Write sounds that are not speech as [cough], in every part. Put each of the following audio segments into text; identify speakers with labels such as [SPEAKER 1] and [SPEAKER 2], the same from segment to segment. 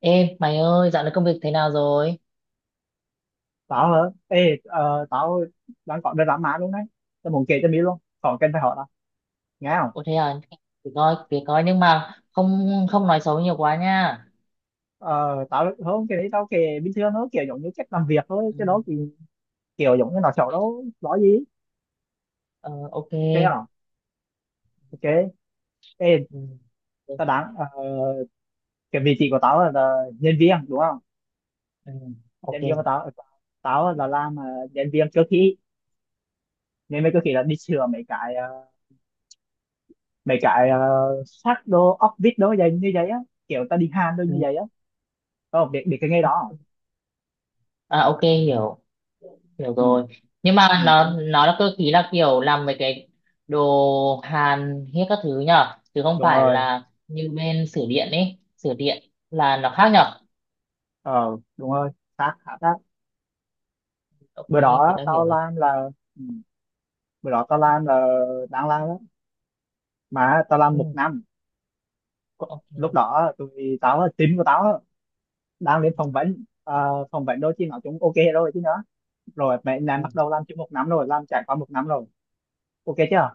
[SPEAKER 1] Ê, mày ơi, dạo này công việc thế nào rồi?
[SPEAKER 2] Tao hả? Tao đang có drama mã luôn đấy. Tao muốn kể cho mi luôn. Còn cần phải hỏi tao. Nghe không?
[SPEAKER 1] Ủa thế à, thì coi nhưng mà không không nói xấu nhiều quá nha.
[SPEAKER 2] Ờ, tao không cái đấy tao kể bình thường thôi, kiểu giống như cách làm việc thôi.
[SPEAKER 1] Ừ,
[SPEAKER 2] Cái đó thì kiểu giống như nó xấu đâu, nói gì.
[SPEAKER 1] ờ, ok.
[SPEAKER 2] Ok không? Ok. Ê,
[SPEAKER 1] Ừ, ừ,
[SPEAKER 2] tao đang cái vị trí của tao là nhân viên đúng không?
[SPEAKER 1] ừ, ok.
[SPEAKER 2] Nhân viên của tao tao làm nhân viên cơ khí. Nên viên cơ khí là đi sửa mấy cái mấy cái ờ, sắt đồ, ốc vít đồ vậy như vậy á. Kiểu tao đi hàn đồ
[SPEAKER 1] Ừ,
[SPEAKER 2] như vậy á. Không, biết biết cái nghề
[SPEAKER 1] ok.
[SPEAKER 2] đó, không?
[SPEAKER 1] À, ok, hiểu
[SPEAKER 2] Ừ.
[SPEAKER 1] rồi. Nhưng mà nó
[SPEAKER 2] Ừ.
[SPEAKER 1] nó là cơ khí, là kiểu làm mấy cái đồ hàn hết các thứ nhở, chứ không
[SPEAKER 2] Đúng
[SPEAKER 1] phải
[SPEAKER 2] rồi,
[SPEAKER 1] là như bên sửa điện ấy, sửa điện là nó khác nhở.
[SPEAKER 2] ờ đúng rồi, xác khá xác.
[SPEAKER 1] Ok,
[SPEAKER 2] Bữa
[SPEAKER 1] thì
[SPEAKER 2] đó
[SPEAKER 1] tao hiểu
[SPEAKER 2] tao
[SPEAKER 1] rồi.
[SPEAKER 2] làm là ừ, bữa đó tao làm là đang làm đó mà tao làm
[SPEAKER 1] Ừ,
[SPEAKER 2] một năm. Có- lúc
[SPEAKER 1] ok.
[SPEAKER 2] đó tụi tao là team của tao á, đang lên phỏng vấn. Ờ, phỏng vấn đôi khi nói chúng ok rồi chứ nữa, rồi mẹ làm
[SPEAKER 1] Ừ,
[SPEAKER 2] bắt đầu làm chung một năm rồi làm trải qua một năm rồi. Ok chưa?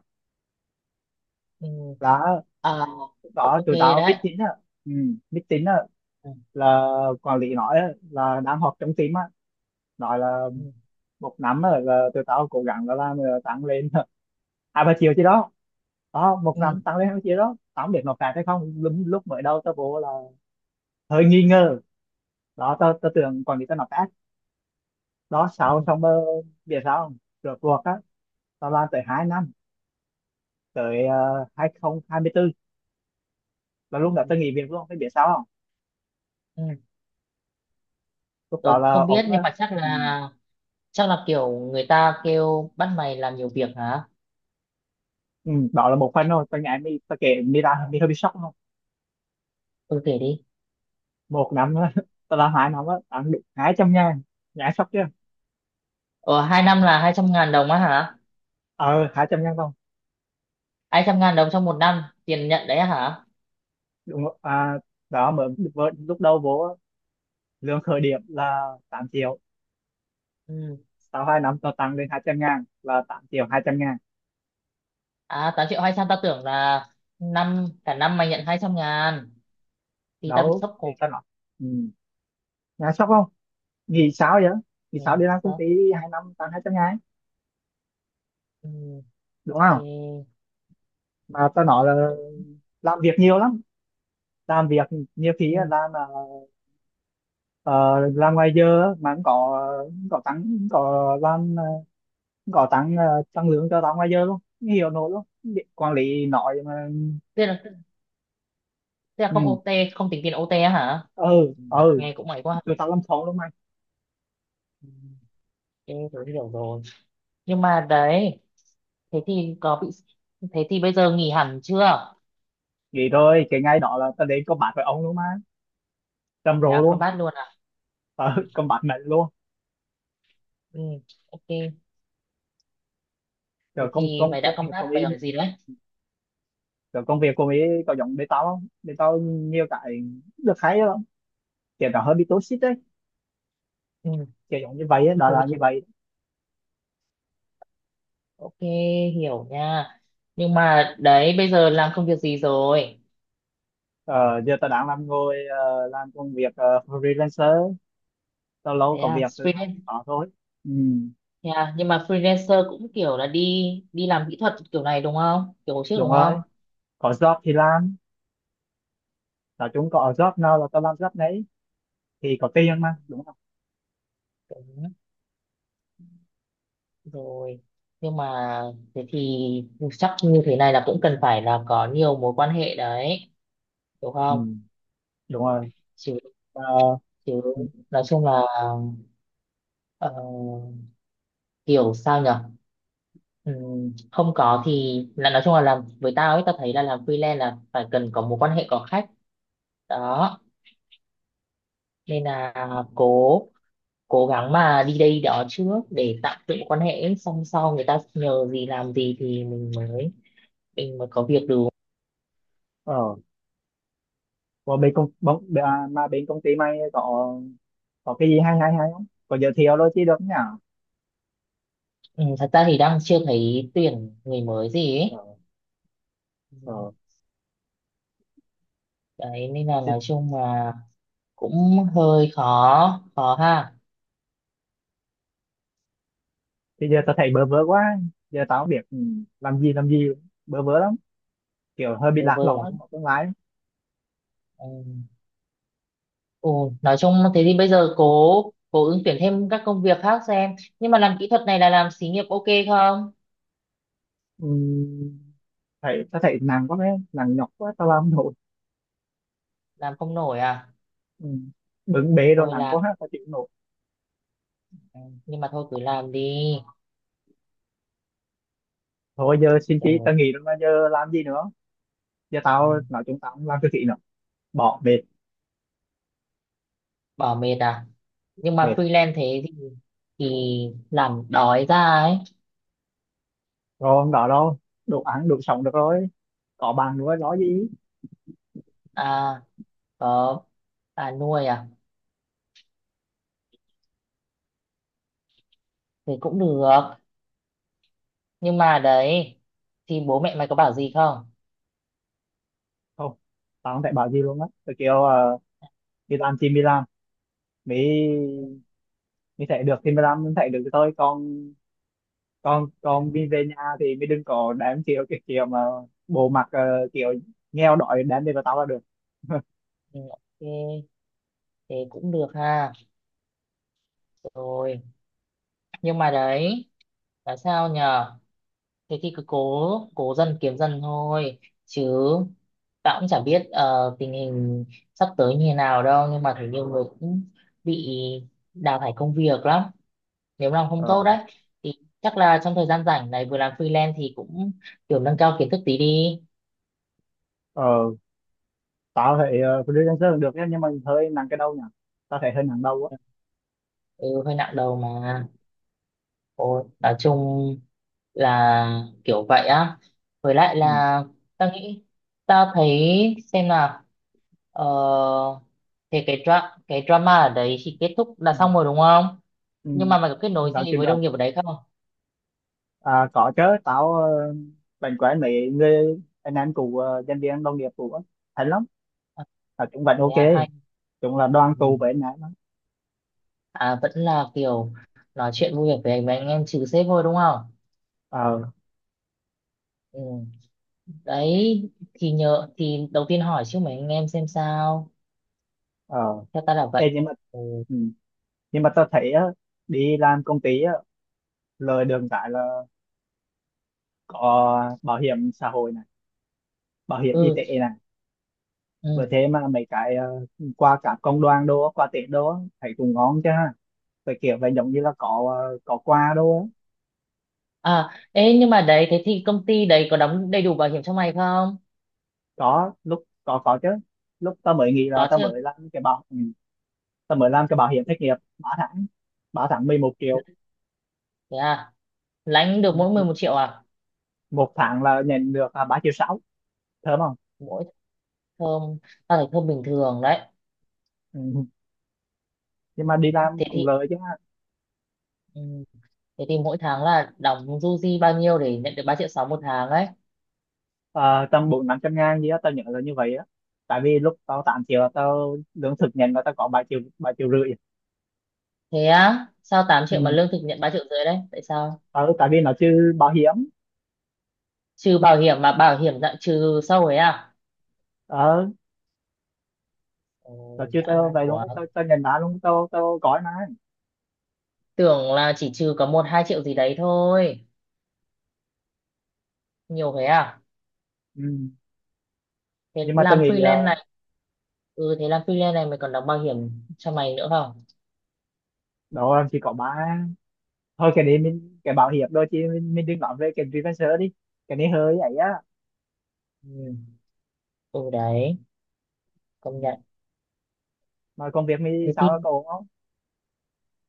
[SPEAKER 1] ừ.
[SPEAKER 2] Là
[SPEAKER 1] À,
[SPEAKER 2] lúc
[SPEAKER 1] cũng
[SPEAKER 2] đó
[SPEAKER 1] ok
[SPEAKER 2] tụi tao
[SPEAKER 1] đấy.
[SPEAKER 2] biết tính á, ừ, biết tính á,
[SPEAKER 1] Ừ.
[SPEAKER 2] là quản lý nói á, là đang họp trong team á, nói là
[SPEAKER 1] Ừ,
[SPEAKER 2] một năm á, là tụi tao cố gắng là làm tăng lên [laughs] 2-3 triệu chứ đó. Ờ, một
[SPEAKER 1] ừ,
[SPEAKER 2] năm tăng lên 20 triệu đó, tao không biết nộp phạt hay không. Lúc, lúc mới đầu tao vô là hơi nghi ngờ. Đó tao tao tưởng quản lý tao nộp phạt đó,
[SPEAKER 1] ừ,
[SPEAKER 2] sau xong biết sao không, rượt cuộc á tao làm tới 2 năm, tới 2024 là lúc đó
[SPEAKER 1] ừ.
[SPEAKER 2] tao nghỉ việc luôn. Phải biết sao không?
[SPEAKER 1] Ừ.
[SPEAKER 2] Lúc đó
[SPEAKER 1] Tôi
[SPEAKER 2] là
[SPEAKER 1] không biết
[SPEAKER 2] ổng á,
[SPEAKER 1] nhưng mà chắc
[SPEAKER 2] ừ,
[SPEAKER 1] là chắc là kiểu người ta kêu bắt mày làm nhiều việc hả?
[SPEAKER 2] ừ, đó là một phần thôi. Tao nhảy mi, tao kể mi ra mi hơi bị sốc luôn.
[SPEAKER 1] Ừ kể đi.
[SPEAKER 2] Một năm á, [laughs] tao làm hai năm á tao ăn được 200.000. Nhảy sốc chưa?
[SPEAKER 1] Ờ hai năm là hai trăm ngàn đồng á hả?
[SPEAKER 2] Ờ 200.000 không,
[SPEAKER 1] Hai trăm ngàn đồng trong một năm tiền nhận đấy á hả?
[SPEAKER 2] đúng rồi. À, đó mới vừa- lúc đầu vô á, lương khởi điểm là 8 triệu,
[SPEAKER 1] Ừ.
[SPEAKER 2] sau 2 năm tao tăng lên 200.000 là 8.200.000.
[SPEAKER 1] À 8 triệu 200 tao tưởng là năm cả năm mày nhận 200 ngàn thì tao bị
[SPEAKER 2] Đó
[SPEAKER 1] sốc
[SPEAKER 2] để
[SPEAKER 1] cổ.
[SPEAKER 2] cho nó, ừ, nghe sốc không?
[SPEAKER 1] Ừ.
[SPEAKER 2] Nghĩ sao vậy? Nghĩ
[SPEAKER 1] Ừ.
[SPEAKER 2] sao đi làm công
[SPEAKER 1] Sốc.
[SPEAKER 2] ty 2 năm tăng 200.000,
[SPEAKER 1] Ừ.
[SPEAKER 2] đúng
[SPEAKER 1] Ok.
[SPEAKER 2] không? Mà tao
[SPEAKER 1] Ừ.
[SPEAKER 2] nói là
[SPEAKER 1] Đúng.
[SPEAKER 2] làm việc nhiều lắm, làm việc nhiều khi á,
[SPEAKER 1] Ừ.
[SPEAKER 2] làm ngoài giờ á, mà cũng có tăng, cũng có làm cũng có tăng tăng lương cho tao ngoài giờ luôn, không hiểu nổi luôn. Quản lý nói mà
[SPEAKER 1] Thế là không
[SPEAKER 2] ừ
[SPEAKER 1] OT, không tính tiền OT á hả?
[SPEAKER 2] ừ
[SPEAKER 1] Ừ.
[SPEAKER 2] ừ,
[SPEAKER 1] Nghe cũng mày quá.
[SPEAKER 2] tụi tao làm khổ luôn mà.
[SPEAKER 1] Ha. Em tớ hiểu rồi. Nhưng mà đấy, thế thì có bị, thế thì bây giờ nghỉ hẳn chưa?
[SPEAKER 2] Vậy thôi cái ngay đó là tao đến combat với ông luôn mà, trầm
[SPEAKER 1] Thế
[SPEAKER 2] rồ
[SPEAKER 1] à,
[SPEAKER 2] luôn.
[SPEAKER 1] combat luôn à?
[SPEAKER 2] Tao
[SPEAKER 1] Ừ,
[SPEAKER 2] [laughs] combat mạnh luôn.
[SPEAKER 1] ừ, ok.
[SPEAKER 2] rồi
[SPEAKER 1] Thế
[SPEAKER 2] công
[SPEAKER 1] thì
[SPEAKER 2] công
[SPEAKER 1] mày đã
[SPEAKER 2] công việc
[SPEAKER 1] combat
[SPEAKER 2] của mỹ,
[SPEAKER 1] mày ở gì đấy?
[SPEAKER 2] rồi công việc của mỹ có giống bên tao không? Bên tao nhiều cái được hay lắm, kiểu nó hơi bị toxic đấy,
[SPEAKER 1] Ừ,
[SPEAKER 2] kiểu giống như vậy ấy, đó
[SPEAKER 1] tớ
[SPEAKER 2] là như
[SPEAKER 1] hiểu.
[SPEAKER 2] vậy.
[SPEAKER 1] Ok, hiểu nha. Nhưng mà đấy, bây giờ làm công việc gì rồi?
[SPEAKER 2] Ờ, giờ tao đang làm ngồi làm công việc freelancer. Tao
[SPEAKER 1] Thế
[SPEAKER 2] lâu có
[SPEAKER 1] à,
[SPEAKER 2] việc thì tao cũng
[SPEAKER 1] freelance.
[SPEAKER 2] có thôi. Ừ,
[SPEAKER 1] Thế à, nhưng mà freelancer cũng kiểu là đi đi làm kỹ thuật kiểu này đúng không? Kiểu hồi trước
[SPEAKER 2] đúng
[SPEAKER 1] đúng không?
[SPEAKER 2] rồi, có job thì làm. Nói chung có job nào là tao làm job đấy, thì có
[SPEAKER 1] Ừ,
[SPEAKER 2] tiền mà đúng không.
[SPEAKER 1] đúng. Rồi nhưng mà thế thì chắc như thế này là cũng cần phải là có nhiều mối quan hệ đấy, hiểu
[SPEAKER 2] Ừ,
[SPEAKER 1] không?
[SPEAKER 2] đúng rồi.
[SPEAKER 1] chứ
[SPEAKER 2] Ờ,
[SPEAKER 1] chứ
[SPEAKER 2] ừ,
[SPEAKER 1] nói chung là ờ, kiểu sao nhở. Không có thì là nói chung là làm với tao ấy, tao thấy là làm freelance là phải cần có mối quan hệ, có khách đó, nên là cố cố gắng mà đi đây đó trước để tạo dựng quan hệ, xong sau người ta nhờ gì làm gì thì mình mới có việc được.
[SPEAKER 2] ờ còn bên công bóng à, mà bên công ty mày có cái gì hay hay hay không? Có giới thiệu đôi chứ được nhỉ?
[SPEAKER 1] Ừ, thật ra thì đang chưa thấy tuyển người mới gì
[SPEAKER 2] Ờ,
[SPEAKER 1] ấy. Ừ.
[SPEAKER 2] ờ.
[SPEAKER 1] Đấy nên là
[SPEAKER 2] Thì,
[SPEAKER 1] nói chung là cũng hơi khó khó ha,
[SPEAKER 2] thì giờ tao thấy bơ vơ quá, giờ tao không biết ừ, làm gì làm gì, bơ vơ lắm, kiểu hơi bị
[SPEAKER 1] bơ
[SPEAKER 2] lạc
[SPEAKER 1] vơ
[SPEAKER 2] lõng
[SPEAKER 1] lắm,
[SPEAKER 2] á, có tương lai.
[SPEAKER 1] ừ. Ừ, nói chung thế thì bây giờ cố cố ứng tuyển thêm các công việc khác xem, nhưng mà làm kỹ thuật này là làm xí nghiệp ok không?
[SPEAKER 2] Ừ, thấy tao thấy nặng quá mấy, nặng nhọc quá tao làm không nổi.
[SPEAKER 1] Làm không nổi à?
[SPEAKER 2] Ừ. Bưng bê rồi
[SPEAKER 1] Thôi
[SPEAKER 2] nặng
[SPEAKER 1] làm,
[SPEAKER 2] quá ha, tao chịu không nổi.
[SPEAKER 1] ừ. Nhưng mà thôi cứ làm đi,
[SPEAKER 2] Thôi giờ xin chí
[SPEAKER 1] ừ.
[SPEAKER 2] tao nghỉ rồi mà giờ làm gì nữa? Giờ
[SPEAKER 1] Ừ.
[SPEAKER 2] tao nói chúng tao không làm cái gì nữa, bỏ mệt,
[SPEAKER 1] Bỏ mệt à? Nhưng mà
[SPEAKER 2] mệt
[SPEAKER 1] freelance thế thì làm đói ra ấy.
[SPEAKER 2] rồi không đó đâu, đủ ăn đủ sống được rồi, có bạn nữa nói gì.
[SPEAKER 1] À, có bà nuôi à? Thì cũng được, nhưng mà đấy thì bố mẹ mày có bảo gì không?
[SPEAKER 2] Không, tao không thể bảo gì luôn á. Tôi kiểu đi làm thì đi làm, mới mới thể được thì mới làm, mới thể được thì thôi con, con
[SPEAKER 1] Ừ,
[SPEAKER 2] con đi về nhà thì mới đừng có đám kiểu cái kiểu mà bộ mặt kiểu nghèo đói đám về vào tao là được.
[SPEAKER 1] ừ, ok, thế cũng được ha. Rồi nhưng mà đấy là sao nhờ, thế thì cứ cố cố dần kiếm dần thôi chứ. Tao cũng chả biết tình hình sắp tới như thế nào đâu, nhưng mà thấy nhiều người cũng bị đào thải công việc lắm nếu làm không tốt
[SPEAKER 2] Ờ
[SPEAKER 1] đấy, thì chắc là trong thời gian rảnh này vừa làm freelance thì cũng kiểu nâng cao kiến thức tí đi.
[SPEAKER 2] ờ, tao thấy freelancer cũng được nhá, nhưng mà hơi nặng cái đầu nhỉ, tao thấy hơi nặng đầu á.
[SPEAKER 1] Ừ, hơi nặng đầu mà. Ồ, nói chung là kiểu vậy á, với lại
[SPEAKER 2] Ừ
[SPEAKER 1] là ta nghĩ, ta thấy xem là, ờ, thì cái drama ở đấy thì kết thúc là
[SPEAKER 2] ừ
[SPEAKER 1] xong rồi đúng không?
[SPEAKER 2] ừ,
[SPEAKER 1] Nhưng mà mày có kết nối
[SPEAKER 2] tao
[SPEAKER 1] gì
[SPEAKER 2] chịu
[SPEAKER 1] với
[SPEAKER 2] được.
[SPEAKER 1] đồng nghiệp ở đấy không?
[SPEAKER 2] À, có chứ, tao uh, bạn quen mấy người, anh em cũ nhân viên đồng nghiệp cũ á, thấy lắm.
[SPEAKER 1] À,
[SPEAKER 2] À, cũng vẫn
[SPEAKER 1] thế
[SPEAKER 2] ok,
[SPEAKER 1] à, hay.
[SPEAKER 2] chung là đoàn tụ với
[SPEAKER 1] Ừ.
[SPEAKER 2] anh em á.
[SPEAKER 1] À vẫn là kiểu nói chuyện vui vẻ với mấy anh em, trừ sếp thôi đúng không?
[SPEAKER 2] Ờ
[SPEAKER 1] Ừ. Đấy thì nhờ thì đầu tiên hỏi chứ mấy anh em xem sao,
[SPEAKER 2] ờ.
[SPEAKER 1] theo ta là
[SPEAKER 2] Ê,
[SPEAKER 1] vậy.
[SPEAKER 2] nhưng mà
[SPEAKER 1] Ừ.
[SPEAKER 2] ừ, nhưng mà tao thấy á, đi làm công ty á, lời đường cái là có bảo hiểm xã hội này, bảo hiểm y tế này,
[SPEAKER 1] Ừ.
[SPEAKER 2] với thế mà mấy cái qua cả công đoàn đô, qua Tết đô á, thấy cũng ngon chứ ha, về kiểu là giống như là có có quà đô á.
[SPEAKER 1] À, ê, nhưng mà đấy, thế thì công ty đấy có đóng đầy đủ bảo hiểm cho mày không?
[SPEAKER 2] Có lúc có chứ. Lúc tao mới nghĩ là
[SPEAKER 1] Có
[SPEAKER 2] tao
[SPEAKER 1] chưa?
[SPEAKER 2] mới làm cái bảo, ừ, tao mới làm cái bảo hiểm thất nghiệp ba tháng, ba tháng 11 triệu.
[SPEAKER 1] Thế à, lãnh được mỗi mười
[SPEAKER 2] Ừ,
[SPEAKER 1] một triệu à?
[SPEAKER 2] một tháng là nhận được à, 3,6 triệu. Thơm không?
[SPEAKER 1] Mỗi thơm, tao thấy thơm bình thường đấy.
[SPEAKER 2] Ừ. Nhưng mà đi làm
[SPEAKER 1] Thế
[SPEAKER 2] cũng
[SPEAKER 1] thì,
[SPEAKER 2] lợi chứ ha.
[SPEAKER 1] ừ, thế thì mỗi tháng là đóng du di bao nhiêu để nhận được 3 triệu 6 một tháng ấy?
[SPEAKER 2] Ờ, tầm 400-500 ngàn gì á tao nhớ là như vậy á, tại vì lúc tao 8 triệu là tao lương thực nhận là tao có 3 triệu, 3 triệu rưỡi.
[SPEAKER 1] Thế á, sao 8 triệu mà
[SPEAKER 2] Ừ.
[SPEAKER 1] lương thực nhận 3 triệu rưỡi đấy? Tại sao?
[SPEAKER 2] Ờ, tại vì nó chưa bảo hiểm.
[SPEAKER 1] Trừ bảo hiểm mà bảo hiểm dạng trừ sâu ấy à?
[SPEAKER 2] Ờ nó
[SPEAKER 1] Ôi,
[SPEAKER 2] chưa
[SPEAKER 1] dã
[SPEAKER 2] tao
[SPEAKER 1] man
[SPEAKER 2] vậy luôn
[SPEAKER 1] quá.
[SPEAKER 2] á. Tao tao nhận đã luôn, tao tao có mà.
[SPEAKER 1] Tưởng là chỉ trừ có một hai triệu gì đấy thôi. Nhiều thế à?
[SPEAKER 2] Ừ.
[SPEAKER 1] Thế
[SPEAKER 2] Nhưng mà tao
[SPEAKER 1] làm
[SPEAKER 2] nghĩ
[SPEAKER 1] freelance
[SPEAKER 2] ờ,
[SPEAKER 1] này, ừ thế làm freelance này mày còn đóng bảo hiểm cho mày nữa không?
[SPEAKER 2] đó là chỉ có ba, thôi cái đấy mình cái bảo hiểm đôi chứ mình đừng nói về cái freelancer đi, cái này hơi ấy á.
[SPEAKER 1] Ừ. Ừ đấy, công
[SPEAKER 2] Ừ.
[SPEAKER 1] nhận.
[SPEAKER 2] Mà công việc mình
[SPEAKER 1] Thế thì
[SPEAKER 2] sao có ổn không?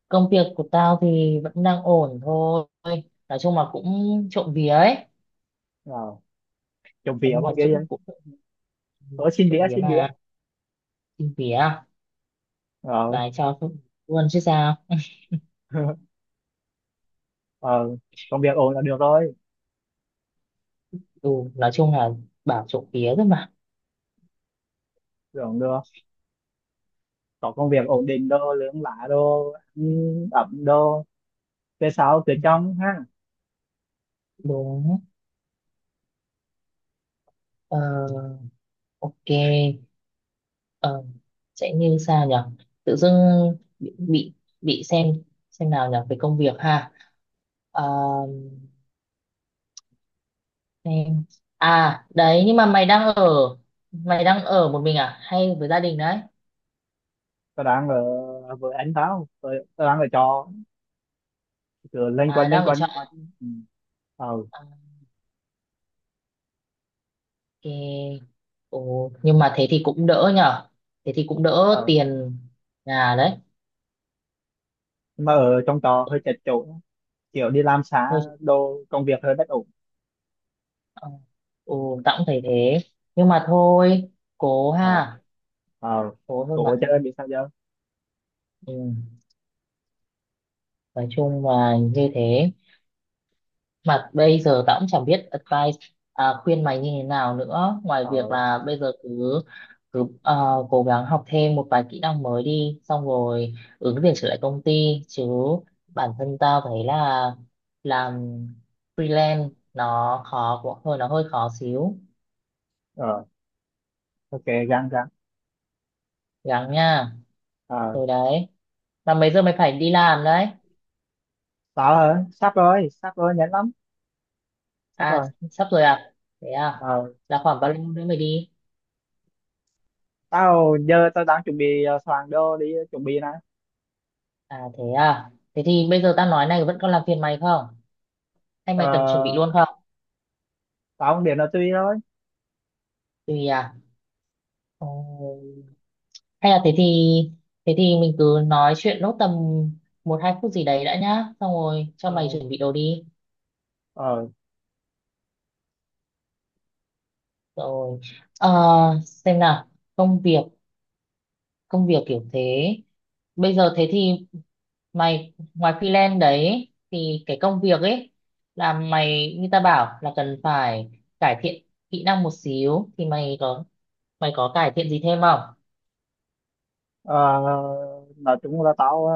[SPEAKER 1] công việc của tao thì vẫn đang ổn thôi, nói chung là cũng trộm vía ấy.
[SPEAKER 2] Ờ. Trộm
[SPEAKER 1] Nói
[SPEAKER 2] vía
[SPEAKER 1] chung
[SPEAKER 2] con
[SPEAKER 1] là
[SPEAKER 2] kia vậy.
[SPEAKER 1] cũng cũng
[SPEAKER 2] Ờ xin
[SPEAKER 1] trộm
[SPEAKER 2] vía
[SPEAKER 1] vía
[SPEAKER 2] xin vía.
[SPEAKER 1] mà, trộm vía
[SPEAKER 2] Ờ
[SPEAKER 1] và cho luôn chứ sao.
[SPEAKER 2] [laughs] ờ, công việc ổn là được rồi.
[SPEAKER 1] Ừ nói chung là bảo trộm vía thôi mà.
[SPEAKER 2] Tưởng được có công việc ổn định đồ lương lá đồ ăn ẩm đồ về sau về
[SPEAKER 1] Ừ,
[SPEAKER 2] trong ha.
[SPEAKER 1] đúng, ờ, ok, ờ, sẽ như sao nhở, tự dưng bị bị, bị xem nào nhở về công việc ha. Ờ, em. À đấy nhưng mà mày đang ở một mình à hay với gia đình đấy?
[SPEAKER 2] Tao đang ở với anh tao, tao đang ở trọ, cứ lên
[SPEAKER 1] À
[SPEAKER 2] quanh lên
[SPEAKER 1] đang ở
[SPEAKER 2] quanh
[SPEAKER 1] trọ
[SPEAKER 2] lên quanh.
[SPEAKER 1] à?
[SPEAKER 2] Ừ. Ờ
[SPEAKER 1] À, ok. Ồ, nhưng mà thế thì cũng đỡ nhở, thế thì cũng đỡ
[SPEAKER 2] ờ.
[SPEAKER 1] tiền nhà đấy.
[SPEAKER 2] Nhưng mà ở trong trọ hơi chật chội, kiểu đi làm xa
[SPEAKER 1] Thôi
[SPEAKER 2] đồ, công việc hơi bất ổn.
[SPEAKER 1] ờ, ồ tao cũng thấy thế, nhưng mà thôi cố
[SPEAKER 2] Ờ
[SPEAKER 1] ha,
[SPEAKER 2] ờ,
[SPEAKER 1] cố thôi mà.
[SPEAKER 2] cổ chơi bị sao giờ.
[SPEAKER 1] Ừ. Nói chung là như thế, mà bây giờ tao cũng chẳng biết advice, à, khuyên mày như thế nào nữa ngoài việc
[SPEAKER 2] Ờ
[SPEAKER 1] là bây giờ cứ cứ cố gắng học thêm một vài kỹ năng mới đi, xong rồi ứng tuyển trở lại công ty chứ. Bản thân tao thấy là làm freelance nó khó, cũng hơi nó hơi khó xíu.
[SPEAKER 2] ờ ok, gắng gắng.
[SPEAKER 1] Gắng nha.
[SPEAKER 2] Ờ,
[SPEAKER 1] Rồi đấy, mà mấy giờ mày phải đi làm đấy?
[SPEAKER 2] tao hả, sắp rồi sắp rồi, nhanh lắm, sắp
[SPEAKER 1] À
[SPEAKER 2] rồi.
[SPEAKER 1] sắp rồi à, thế à,
[SPEAKER 2] Ờ.
[SPEAKER 1] là khoảng bao lâu nữa mày đi?
[SPEAKER 2] Tao giờ tao đang chuẩn bị soạn đồ đi, chuẩn bị này.
[SPEAKER 1] À thế à, thế thì bây giờ tao nói này vẫn còn làm phiền mày không? Anh
[SPEAKER 2] Ờ,
[SPEAKER 1] mày cần chuẩn bị luôn không?
[SPEAKER 2] tao không biết là tùy thôi.
[SPEAKER 1] Tùy à? Ờ, hay là thế thì, thế thì mình cứ nói chuyện nốt tầm một hai phút gì đấy đã nhá. Xong rồi cho mày
[SPEAKER 2] Ờ,
[SPEAKER 1] chuẩn bị đồ đi.
[SPEAKER 2] ờ,
[SPEAKER 1] Rồi. Ờ, xem nào, công việc, công việc kiểu thế. Bây giờ thế thì mày ngoài freelance đấy thì cái công việc ấy, là mày như ta bảo là cần phải cải thiện kỹ năng một xíu, thì mày có cải thiện gì thêm không?
[SPEAKER 2] ờ, nói chung là tao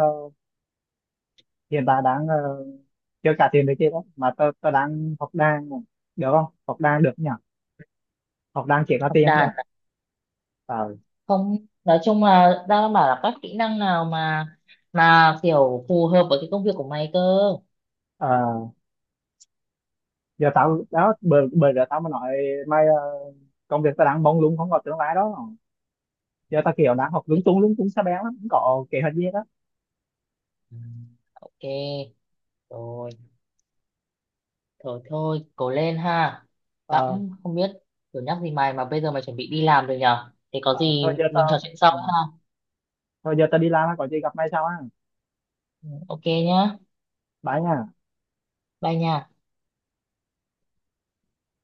[SPEAKER 2] hiện tại đang chưa trả tiền được kia đó mà tao tao đang học đàn này. Được không? Học đàn được nhỉ, học đàn chỉ có
[SPEAKER 1] Học
[SPEAKER 2] tiền nhỉ.
[SPEAKER 1] đàn
[SPEAKER 2] Ờ,
[SPEAKER 1] không, nói chung là đang bảo là các kỹ năng nào mà kiểu phù hợp với cái công việc của mày cơ.
[SPEAKER 2] ờ, giờ tao đó bởi bởi giờ tao mới nói mày công việc tao đang mông lung không có tương lai đó. Giờ tao kiểu đang học
[SPEAKER 1] Kiểu,
[SPEAKER 2] lung tung xa bén lắm, không có kế hoạch gì đó.
[SPEAKER 1] ừ, ok, rồi thôi thôi cố lên ha. Tao
[SPEAKER 2] Ờ,
[SPEAKER 1] cũng không biết kiểu nhắc gì mày, mà bây giờ mày chuẩn bị đi làm rồi nhở, thế có
[SPEAKER 2] ờ,
[SPEAKER 1] gì
[SPEAKER 2] thôi giờ
[SPEAKER 1] mình trò
[SPEAKER 2] tao
[SPEAKER 1] chuyện sau
[SPEAKER 2] ừ,
[SPEAKER 1] ha.
[SPEAKER 2] thôi giờ tao đi làm á, có gì gặp mày sau á.
[SPEAKER 1] Ừ, ok nhá.
[SPEAKER 2] Bye nha.
[SPEAKER 1] Bye nha.